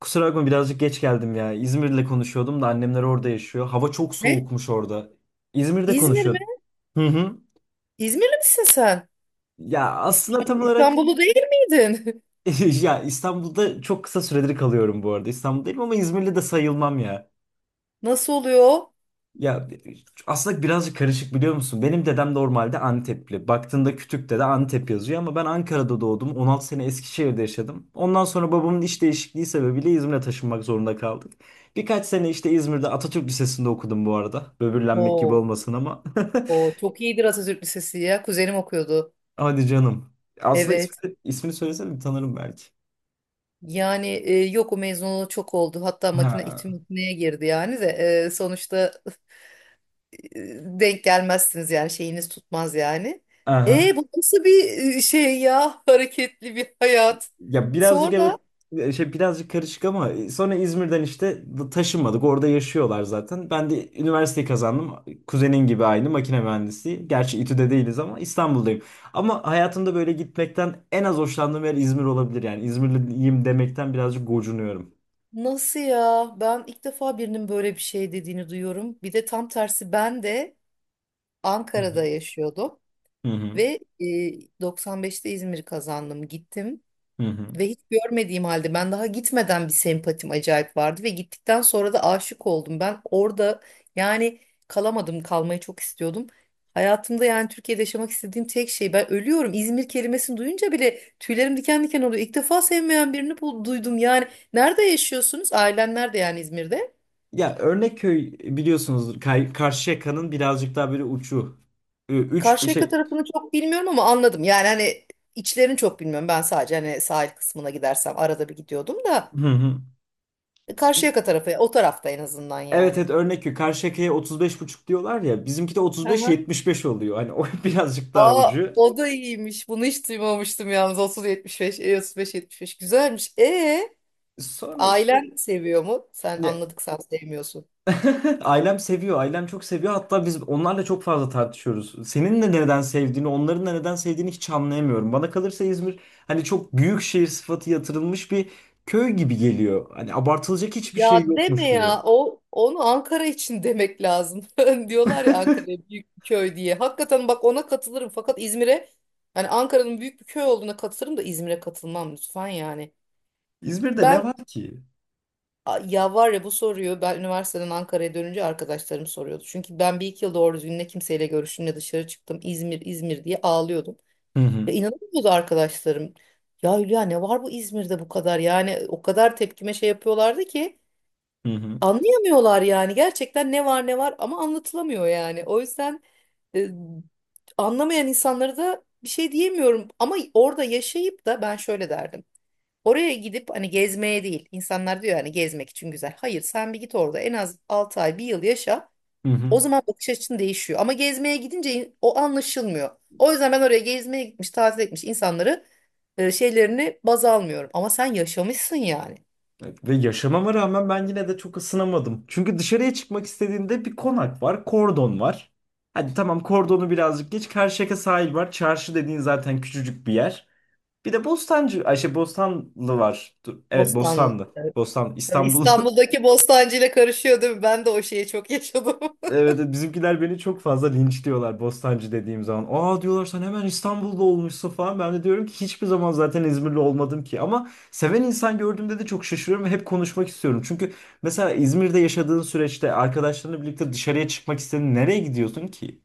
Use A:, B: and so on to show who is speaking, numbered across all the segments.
A: Kusura bakma birazcık geç geldim ya. İzmir'le konuşuyordum da annemler orada yaşıyor. Hava çok
B: Ne?
A: soğukmuş orada. İzmir'de
B: İzmir mi?
A: konuşuyordum. Hı hı.
B: İzmirli misin sen?
A: Ya aslında tam
B: İstanbul,
A: olarak.
B: İstanbullu değil miydin?
A: Ya İstanbul'da çok kısa süredir kalıyorum bu arada. İstanbul'dayım ama İzmirli de sayılmam ya.
B: Nasıl oluyor?
A: Ya aslında birazcık karışık biliyor musun? Benim dedem normalde Antepli. Baktığında kütükte de Antep yazıyor ama ben Ankara'da doğdum. 16 sene Eskişehir'de yaşadım. Ondan sonra babamın iş değişikliği sebebiyle İzmir'e taşınmak zorunda kaldık. Birkaç sene işte İzmir'de Atatürk Lisesi'nde okudum bu arada. Böbürlenmek gibi
B: Oo,
A: olmasın ama.
B: o çok iyidir Atatürk Lisesi ya. Kuzenim okuyordu.
A: Hadi canım. Aslında
B: Evet.
A: ismi söylesene tanırım belki.
B: Yani yok, o mezunu çok oldu. Hatta makine
A: Ha.
B: İTÜ makineye girdi yani de, sonuçta e, denk gelmezsiniz yani şeyiniz tutmaz yani.
A: Aha.
B: Bu nasıl bir şey ya? Hareketli bir hayat.
A: Ya birazcık
B: Sonra.
A: evet, şey birazcık karışık ama, sonra İzmir'den işte taşınmadık. Orada yaşıyorlar zaten. Ben de üniversiteyi kazandım. Kuzenin gibi aynı makine mühendisliği. Gerçi İTÜ'de değiliz ama İstanbul'dayım. Ama hayatımda böyle gitmekten en az hoşlandığım yer İzmir olabilir. Yani İzmirliyim demekten birazcık gocunuyorum.
B: Nasıl ya? Ben ilk defa birinin böyle bir şey dediğini duyuyorum. Bir de tam tersi, ben de
A: Hı hı.
B: Ankara'da yaşıyordum
A: Hı hı.
B: ve 95'te İzmir kazandım, gittim
A: Hı hı.
B: ve hiç görmediğim halde ben, daha gitmeden, bir sempatim acayip vardı ve gittikten sonra da aşık oldum. Ben orada, yani, kalamadım, kalmayı çok istiyordum. Hayatımda, yani Türkiye'de yaşamak istediğim tek şey, ben ölüyorum. İzmir kelimesini duyunca bile tüylerim diken diken oluyor. İlk defa sevmeyen birini duydum yani. Nerede yaşıyorsunuz? Ailen nerede, yani İzmir'de?
A: Ya Örnekköy biliyorsunuz, Karşıyaka'nın birazcık daha böyle uçu. Üç
B: Karşıyaka
A: şey.
B: tarafını çok bilmiyorum ama anladım. Yani hani içlerini çok bilmiyorum. Ben sadece hani sahil kısmına gidersem, arada bir gidiyordum da,
A: Hı hı.
B: Karşıyaka tarafı o tarafta en azından
A: Evet,
B: yani.
A: evet, örnek ki Karşıyaka'ya otuz beş buçuk diyorlar ya, bizimki de
B: Aha.
A: 35-75 oluyor. Hani o birazcık daha
B: Aa,
A: ucu.
B: o da iyiymiş. Bunu hiç duymamıştım yalnız. 30-75, 35-75 güzelmiş.
A: Sonra işte
B: Ailen seviyor mu? Sen
A: ne?
B: anladık, sen sevmiyorsun.
A: Ailem seviyor. Ailem çok seviyor. Hatta biz onlarla çok fazla tartışıyoruz. Senin de neden sevdiğini, onların da neden sevdiğini hiç anlayamıyorum. Bana kalırsa İzmir hani çok büyük şehir sıfatı yatırılmış bir köy gibi geliyor. Hani abartılacak hiçbir
B: Ya
A: şey yokmuş
B: deme
A: gibi.
B: ya, o onu Ankara için demek lazım. Diyorlar ya, Ankara büyük bir köy diye. Hakikaten bak, ona katılırım fakat İzmir'e, hani Ankara'nın büyük bir köy olduğuna katılırım da İzmir'e katılmam lütfen yani.
A: İzmir'de
B: Ben
A: ne var ki?
B: ya var ya, bu soruyu ben üniversiteden Ankara'ya dönünce arkadaşlarım soruyordu. Çünkü ben bir iki yıl doğru düzgün ne kimseyle görüştüm ne dışarı çıktım. İzmir İzmir diye ağlıyordum.
A: Hı hı.
B: Ya, inanamıyordu arkadaşlarım. Ya Hülya, ne var bu İzmir'de bu kadar, yani o kadar tepkime şey yapıyorlardı ki.
A: Hı hı.
B: Anlayamıyorlar yani, gerçekten ne var ne var ama anlatılamıyor yani. O yüzden e, anlamayan insanlara da bir şey diyemiyorum, ama orada yaşayıp da ben şöyle derdim. Oraya gidip hani gezmeye değil. İnsanlar diyor hani gezmek için güzel. Hayır, sen bir git orada, en az 6 ay bir yıl yaşa.
A: Hı hı.
B: O zaman bakış açın değişiyor. Ama gezmeye gidince o anlaşılmıyor. O yüzden ben oraya gezmeye gitmiş, tatil etmiş insanları şeylerini baz almıyorum. Ama sen yaşamışsın yani.
A: Evet. Ve yaşamama rağmen ben yine de çok ısınamadım. Çünkü dışarıya çıkmak istediğinde bir konak var, kordon var. Hadi tamam, kordonu birazcık geç. Karşıyaka sahil var. Çarşı dediğin zaten küçücük bir yer. Bir de Bostancı, Ayşe Bostanlı var. Dur, evet,
B: Bostanlı.
A: Bostanlı. Bostan,
B: Yani
A: İstanbul.
B: İstanbul'daki Bostancı ile karışıyor değil mi? Ben de o şeyi çok yaşadım.
A: Evet, evet, bizimkiler beni çok fazla linçliyorlar Bostancı dediğim zaman. Aa, diyorlar sen hemen İstanbul'da olmuşsun falan. Ben de diyorum ki hiçbir zaman zaten İzmirli olmadım ki. Ama seven insan gördüğümde de çok şaşırıyorum ve hep konuşmak istiyorum. Çünkü mesela İzmir'de yaşadığın süreçte arkadaşlarınla birlikte dışarıya çıkmak istediğin nereye gidiyorsun ki?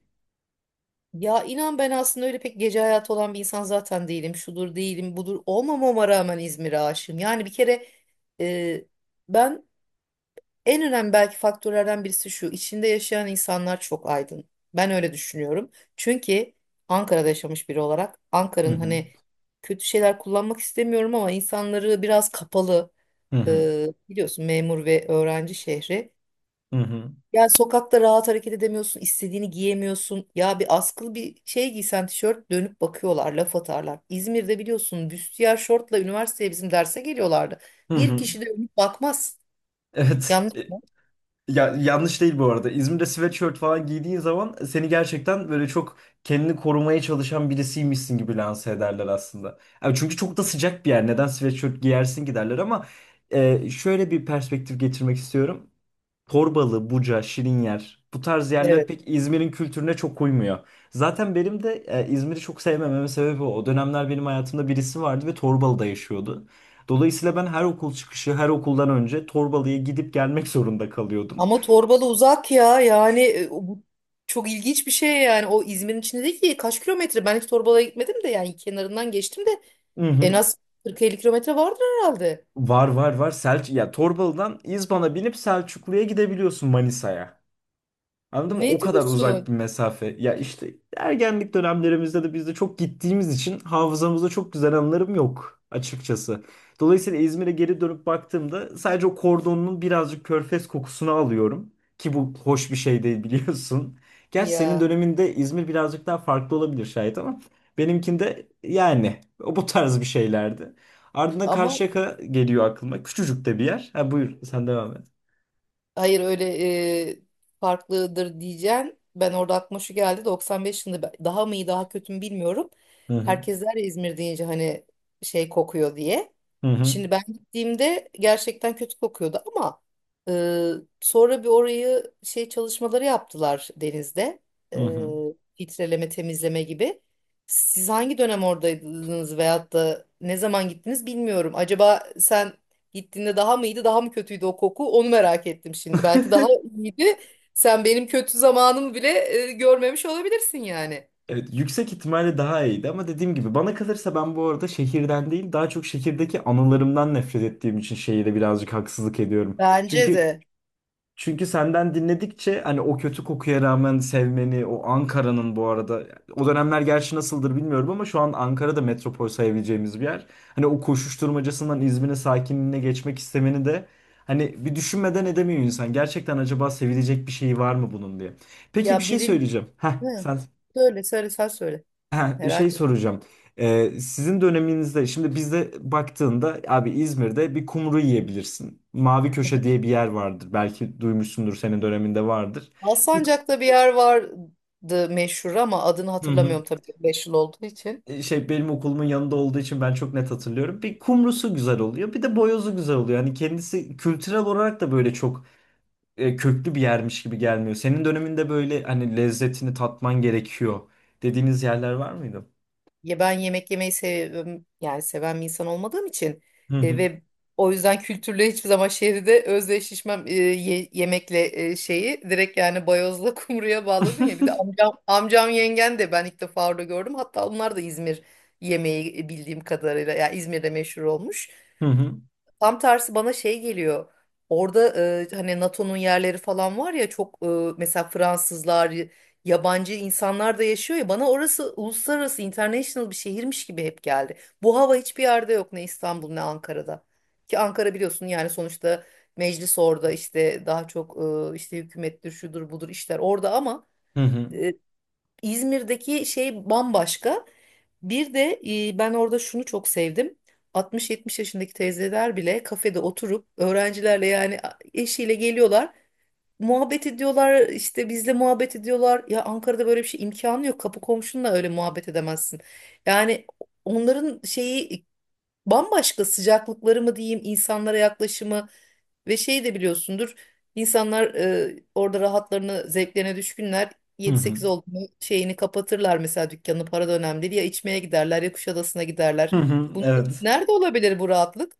B: Ya inan, ben aslında öyle pek gece hayatı olan bir insan zaten değilim. Şudur değilim, budur olmamama rağmen İzmir'e aşığım. Yani bir kere e, ben, en önemli belki faktörlerden birisi şu: içinde yaşayan insanlar çok aydın. Ben öyle düşünüyorum. Çünkü Ankara'da yaşamış biri olarak,
A: Hı
B: Ankara'nın
A: hı.
B: hani, kötü şeyler kullanmak istemiyorum ama, insanları biraz kapalı.
A: Hı hı.
B: Biliyorsun, memur ve öğrenci şehri.
A: Hı hı.
B: Yani sokakta rahat hareket edemiyorsun, istediğini giyemiyorsun. Ya bir askılı bir şey giysen, tişört, dönüp bakıyorlar, laf atarlar. İzmir'de biliyorsun, büstiyer şortla üniversiteye bizim derse geliyorlardı.
A: Hı
B: Bir
A: hı.
B: kişi de dönüp bakmaz.
A: Evet.
B: Yanlış mı?
A: Ya yanlış değil bu arada. İzmir'de sweatshirt falan giydiğin zaman seni gerçekten böyle çok kendini korumaya çalışan birisiymişsin gibi lanse ederler aslında. Yani çünkü çok da sıcak bir yer. Neden sweatshirt giyersin ki derler ama, şöyle bir perspektif getirmek istiyorum. Torbalı, Buca, Şirinyer bu tarz yerler
B: Evet.
A: pek İzmir'in kültürüne çok uymuyor. Zaten benim de İzmir'i çok sevmememin sebebi o. O dönemler benim hayatımda birisi vardı ve Torbalı'da yaşıyordu. Dolayısıyla ben her okul çıkışı, her okuldan önce Torbalı'ya gidip gelmek zorunda kalıyordum.
B: Ama Torbalı uzak ya, yani o, bu çok ilginç bir şey yani. O İzmir'in içinde değil ki, kaç kilometre? Ben hiç Torbalı'ya gitmedim de, yani kenarından geçtim de,
A: Hı
B: en
A: hı.
B: az 40-50 kilometre vardır herhalde.
A: Var, var, var. Ya Torbalı'dan İzban'a binip Selçuklu'ya gidebiliyorsun, Manisa'ya. Anladın mı? O
B: Ne
A: kadar uzak bir
B: diyorsun
A: mesafe. Ya işte ergenlik dönemlerimizde de biz de çok gittiğimiz için hafızamızda çok güzel anılarım yok açıkçası. Dolayısıyla İzmir'e geri dönüp baktığımda sadece o kordonun birazcık körfez kokusunu alıyorum. Ki bu hoş bir şey değil biliyorsun. Gerçi senin
B: ya?
A: döneminde İzmir birazcık daha farklı olabilir şayet ama benimkinde yani o bu tarz bir şeylerdi. Ardından
B: Ama
A: Karşıyaka geliyor aklıma. Küçücük de bir yer. Ha, buyur sen devam et.
B: hayır, öyle e, farklıdır diyeceğim. Ben orada aklıma şu geldi: 95 yılında daha mı iyi daha kötü mü bilmiyorum.
A: Hı hı.
B: Herkes der ya, İzmir deyince hani şey kokuyor diye.
A: Hı hı.
B: Şimdi ben gittiğimde gerçekten kötü kokuyordu ama sonra bir orayı şey çalışmaları yaptılar denizde.
A: Hı hı.
B: Filtreleme, temizleme gibi. Siz hangi dönem oradaydınız veyahut da ne zaman gittiniz bilmiyorum. Acaba sen gittiğinde daha mı iyiydi, daha mı kötüydü o koku? Onu merak ettim şimdi. Belki daha iyiydi. Sen benim kötü zamanımı bile görmemiş olabilirsin yani.
A: Evet, yüksek ihtimalle daha iyiydi ama dediğim gibi bana kalırsa ben bu arada şehirden değil daha çok şehirdeki anılarımdan nefret ettiğim için şehire birazcık haksızlık ediyorum.
B: Bence
A: Çünkü
B: de.
A: çünkü senden dinledikçe hani o kötü kokuya rağmen sevmeni, o Ankara'nın bu arada o dönemler gerçi nasıldır bilmiyorum ama şu an Ankara'da metropol sayabileceğimiz bir yer. Hani o koşuşturmacasından İzmir'in sakinliğine geçmek istemeni de hani bir düşünmeden edemiyor insan. Gerçekten acaba sevilecek bir şey var mı bunun diye. Peki bir
B: Ya
A: şey
B: birinci...
A: söyleyeceğim. Heh,
B: Hı.
A: sen
B: Söyle, söyle, sen söyle.
A: Ha, şey
B: Merak ettim.
A: soracağım. Sizin döneminizde şimdi bizde baktığında abi İzmir'de bir kumru yiyebilirsin. Mavi Köşe diye bir yer vardır. Belki duymuşsundur, senin döneminde vardır. Bir,
B: Alsancak'ta bir yer vardı meşhur, ama adını
A: hı hı.
B: hatırlamıyorum tabii, 5 yıl olduğu için.
A: Şey, benim okulumun yanında olduğu için ben çok net hatırlıyorum. Bir kumrusu güzel oluyor, bir de boyozu güzel oluyor. Yani kendisi kültürel olarak da böyle çok köklü bir yermiş gibi gelmiyor. Senin döneminde böyle hani lezzetini tatman gerekiyor dediğiniz yerler var mıydı?
B: Ya, ben yemek yemeyi seviyorum. Yani seven bir insan olmadığım için,
A: Hı hı.
B: ve o yüzden kültürle hiçbir zaman şehirde özdeşleşmem, yemekle şeyi direkt, yani bayozla kumruya bağladın ya. Bir de amcam yengen de ben ilk defa orada gördüm. Hatta onlar da İzmir yemeği bildiğim kadarıyla yani İzmir'de meşhur olmuş.
A: Hı hı.
B: Tam tersi bana şey geliyor. Orada hani NATO'nun yerleri falan var ya, çok mesela Fransızlar, yabancı insanlar da yaşıyor ya, bana orası uluslararası, international bir şehirmiş gibi hep geldi. Bu hava hiçbir yerde yok, ne İstanbul ne Ankara'da. Ki Ankara biliyorsun yani, sonuçta meclis orada, işte daha çok işte hükümettir, şudur budur, işler orada, ama
A: Hı hı.
B: İzmir'deki şey bambaşka. Bir de ben orada şunu çok sevdim: 60-70 yaşındaki teyzeler bile kafede oturup öğrencilerle, yani eşiyle geliyorlar. Muhabbet ediyorlar, işte bizle muhabbet ediyorlar. Ya Ankara'da böyle bir şey imkanı yok. Kapı komşunla öyle muhabbet edemezsin. Yani onların şeyi bambaşka, sıcaklıkları mı diyeyim, insanlara yaklaşımı, ve şey de biliyorsundur. İnsanlar orada rahatlarını, zevklerine düşkünler.
A: Hı
B: Yedi
A: hı.
B: sekiz oldu mu şeyini kapatırlar, mesela dükkanı, para da önemli değil. Ya içmeye giderler, ya Kuşadası'na giderler.
A: Hı hı,
B: Bunu,
A: evet.
B: nerede olabilir bu rahatlık?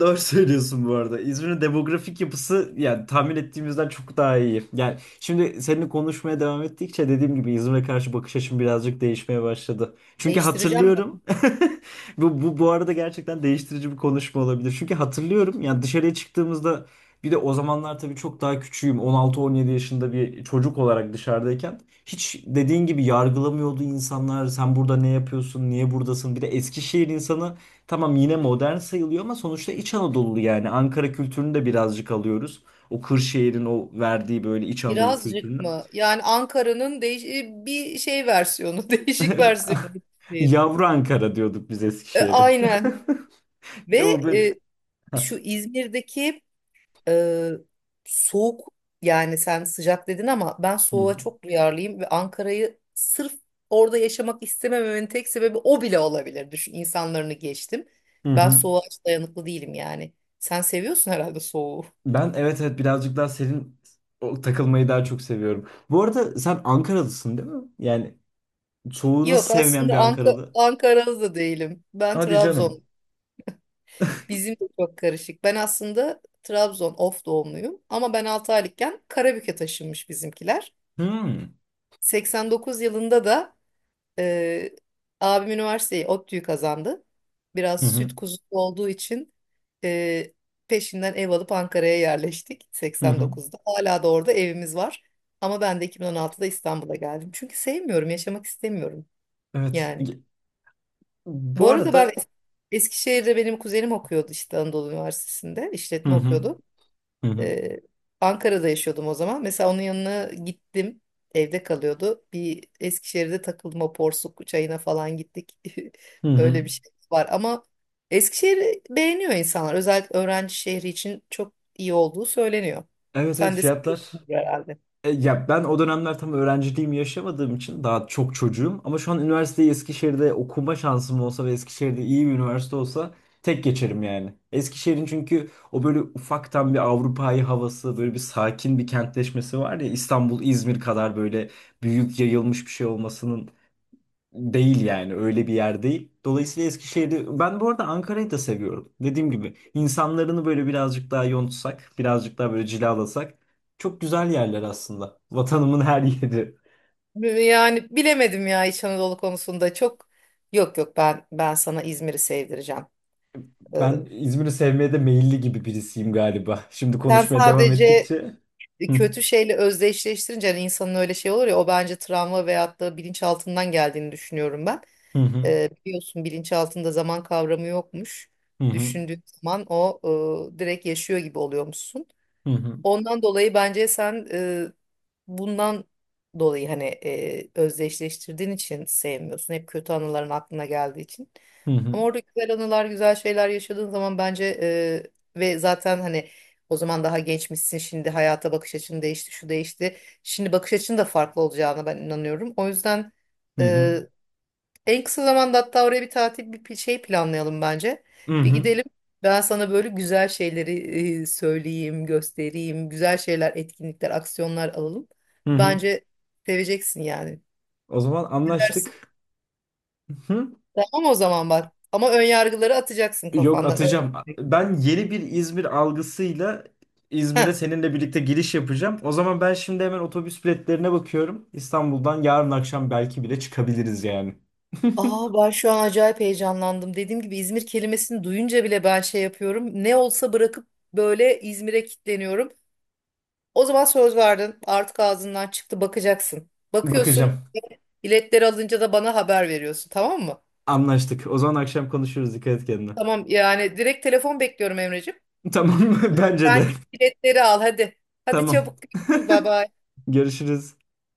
A: Doğru söylüyorsun bu arada. İzmir'in demografik yapısı yani tahmin ettiğimizden çok daha iyi. Yani şimdi seninle konuşmaya devam ettikçe dediğim gibi İzmir'e karşı bakış açım birazcık değişmeye başladı. Çünkü
B: Değiştireceğim
A: hatırlıyorum.
B: ben.
A: Bu arada gerçekten değiştirici bir konuşma olabilir. Çünkü hatırlıyorum, yani dışarıya çıktığımızda bir de o zamanlar tabii çok daha küçüğüm. 16-17 yaşında bir çocuk olarak dışarıdayken hiç dediğin gibi yargılamıyordu insanlar. Sen burada ne yapıyorsun? Niye buradasın? Bir de Eskişehir insanı, tamam yine modern sayılıyor ama sonuçta İç Anadolu, yani Ankara kültürünü de birazcık alıyoruz. O Kırşehir'in o verdiği böyle İç Anadolu
B: Birazcık
A: kültürünü.
B: mı? Yani Ankara'nın bir şey versiyonu, değişik versiyonu. Bir şehir.
A: Yavru Ankara diyorduk biz Eskişehir'e.
B: Aynen. Ve
A: Bir de o böyle.
B: e,
A: Heh.
B: şu İzmir'deki Ee, soğuk, yani sen sıcak dedin ama ben
A: Hı
B: soğuğa
A: hı.
B: çok duyarlıyım, ve Ankara'yı sırf orada yaşamak istemememin tek sebebi o bile olabilir. Düşün, insanlarını geçtim.
A: Hı
B: Ben
A: hı.
B: soğuğa hiç dayanıklı değilim yani. Sen seviyorsun herhalde soğuğu.
A: Ben, evet, evet, birazcık daha senin o takılmayı daha çok seviyorum. Bu arada sen Ankaralısın değil mi? Yani soğuğu nasıl
B: Yok
A: sevmeyen
B: aslında,
A: bir Ankaralı?
B: Ankaralı değilim. Ben
A: Hadi canım.
B: Trabzon. Bizim de çok karışık. Ben aslında Trabzon Of doğumluyum, ama ben 6 aylıkken Karabük'e taşınmış bizimkiler.
A: Hmm.
B: 89 yılında da Ee, abim üniversiteyi, ODTÜ'yü kazandı.
A: Hı
B: Biraz
A: hı.
B: süt kuzusu olduğu için, e, peşinden ev alıp Ankara'ya yerleştik
A: Hı hı.
B: 89'da. Hala da orada evimiz var. Ama ben de 2016'da İstanbul'a geldim. Çünkü sevmiyorum, yaşamak istemiyorum
A: Evet.
B: yani. Bu
A: Bu
B: arada ben
A: arada.
B: Eskişehir'de, benim kuzenim okuyordu işte, Anadolu Üniversitesi'nde
A: Hı
B: işletme
A: hı.
B: okuyordu.
A: Hı hı.
B: Ee, Ankara'da yaşıyordum o zaman. Mesela onun yanına gittim. Evde kalıyordu. Bir Eskişehir'de takılma, porsuk çayına falan gittik.
A: Hı hı.
B: Öyle bir şey var. Ama Eskişehir'i beğeniyor insanlar. Özellikle öğrenci şehri için çok iyi olduğu söyleniyor.
A: Evet, evet,
B: Sen de
A: fiyatlar.
B: seviyorsundur herhalde.
A: Ya ben o dönemler tam öğrenciliğimi yaşamadığım için daha çok çocuğum. Ama şu an üniversiteyi Eskişehir'de okuma şansım olsa ve Eskişehir'de iyi bir üniversite olsa tek geçerim yani. Eskişehir'in çünkü o böyle ufaktan bir Avrupa'yı havası, böyle bir sakin bir kentleşmesi var ya, İstanbul, İzmir kadar böyle büyük yayılmış bir şey olmasının değil yani, öyle bir yer değil. Dolayısıyla Eskişehir'i, ben bu arada Ankara'yı da seviyorum. Dediğim gibi insanlarını böyle birazcık daha yontsak, birazcık daha böyle cilalasak çok güzel yerler aslında. Vatanımın her yeri.
B: Yani bilemedim ya, İç Anadolu konusunda çok, yok yok, ben sana İzmir'i sevdireceğim. Ee,
A: Ben İzmir'i sevmeye de meyilli gibi birisiyim galiba. Şimdi
B: Sen
A: konuşmaya devam
B: sadece
A: ettikçe. Hı
B: Kötü şeyle özdeşleştirince, hani insanın öyle şey olur ya, o bence travma veyahut da bilinçaltından geldiğini düşünüyorum ben.
A: hı hı
B: Biliyorsun, bilinçaltında zaman kavramı yokmuş.
A: hı hı
B: Düşündüğün zaman o direkt yaşıyor gibi oluyormuşsun.
A: hı
B: Ondan dolayı bence sen, bundan dolayı, hani özdeşleştirdiğin için sevmiyorsun. Hep kötü anıların aklına geldiği için.
A: hı hı
B: Ama orada güzel anılar, güzel şeyler yaşadığın zaman bence, ve zaten hani, o zaman daha gençmişsin. Şimdi hayata bakış açın değişti, şu değişti. Şimdi bakış açın da farklı olacağına ben inanıyorum. O yüzden
A: hı
B: en kısa zamanda, hatta oraya bir tatil bir şey planlayalım bence. Bir
A: hı
B: gidelim. Ben sana böyle güzel şeyleri söyleyeyim, göstereyim. Güzel şeyler, etkinlikler, aksiyonlar alalım.
A: hı hı.
B: Bence seveceksin yani.
A: O zaman
B: Ne dersin?
A: anlaştık. Hı.
B: Tamam, o zaman bak. Ama ön yargıları atacaksın
A: Yok,
B: kafandan. Öyle.
A: atacağım. Ben yeni bir İzmir algısıyla İzmir'e
B: Heh.
A: seninle birlikte giriş yapacağım. O zaman ben şimdi hemen otobüs biletlerine bakıyorum. İstanbul'dan yarın akşam belki bile çıkabiliriz yani.
B: Aa, ben şu an acayip heyecanlandım. Dediğim gibi, İzmir kelimesini duyunca bile ben şey yapıyorum. Ne olsa bırakıp böyle İzmir'e kilitleniyorum. O zaman söz verdin. Artık ağzından çıktı, bakacaksın. Bakıyorsun.
A: Bakacağım.
B: Biletleri alınca da bana haber veriyorsun, tamam mı?
A: Anlaştık. O zaman akşam konuşuruz. Dikkat et kendine.
B: Tamam, yani direkt telefon bekliyorum Emreciğim.
A: Tamam mı? Bence de.
B: Sen git biletleri al hadi. Hadi,
A: Tamam.
B: çabuk görüşürüz. Bye bye.
A: Görüşürüz.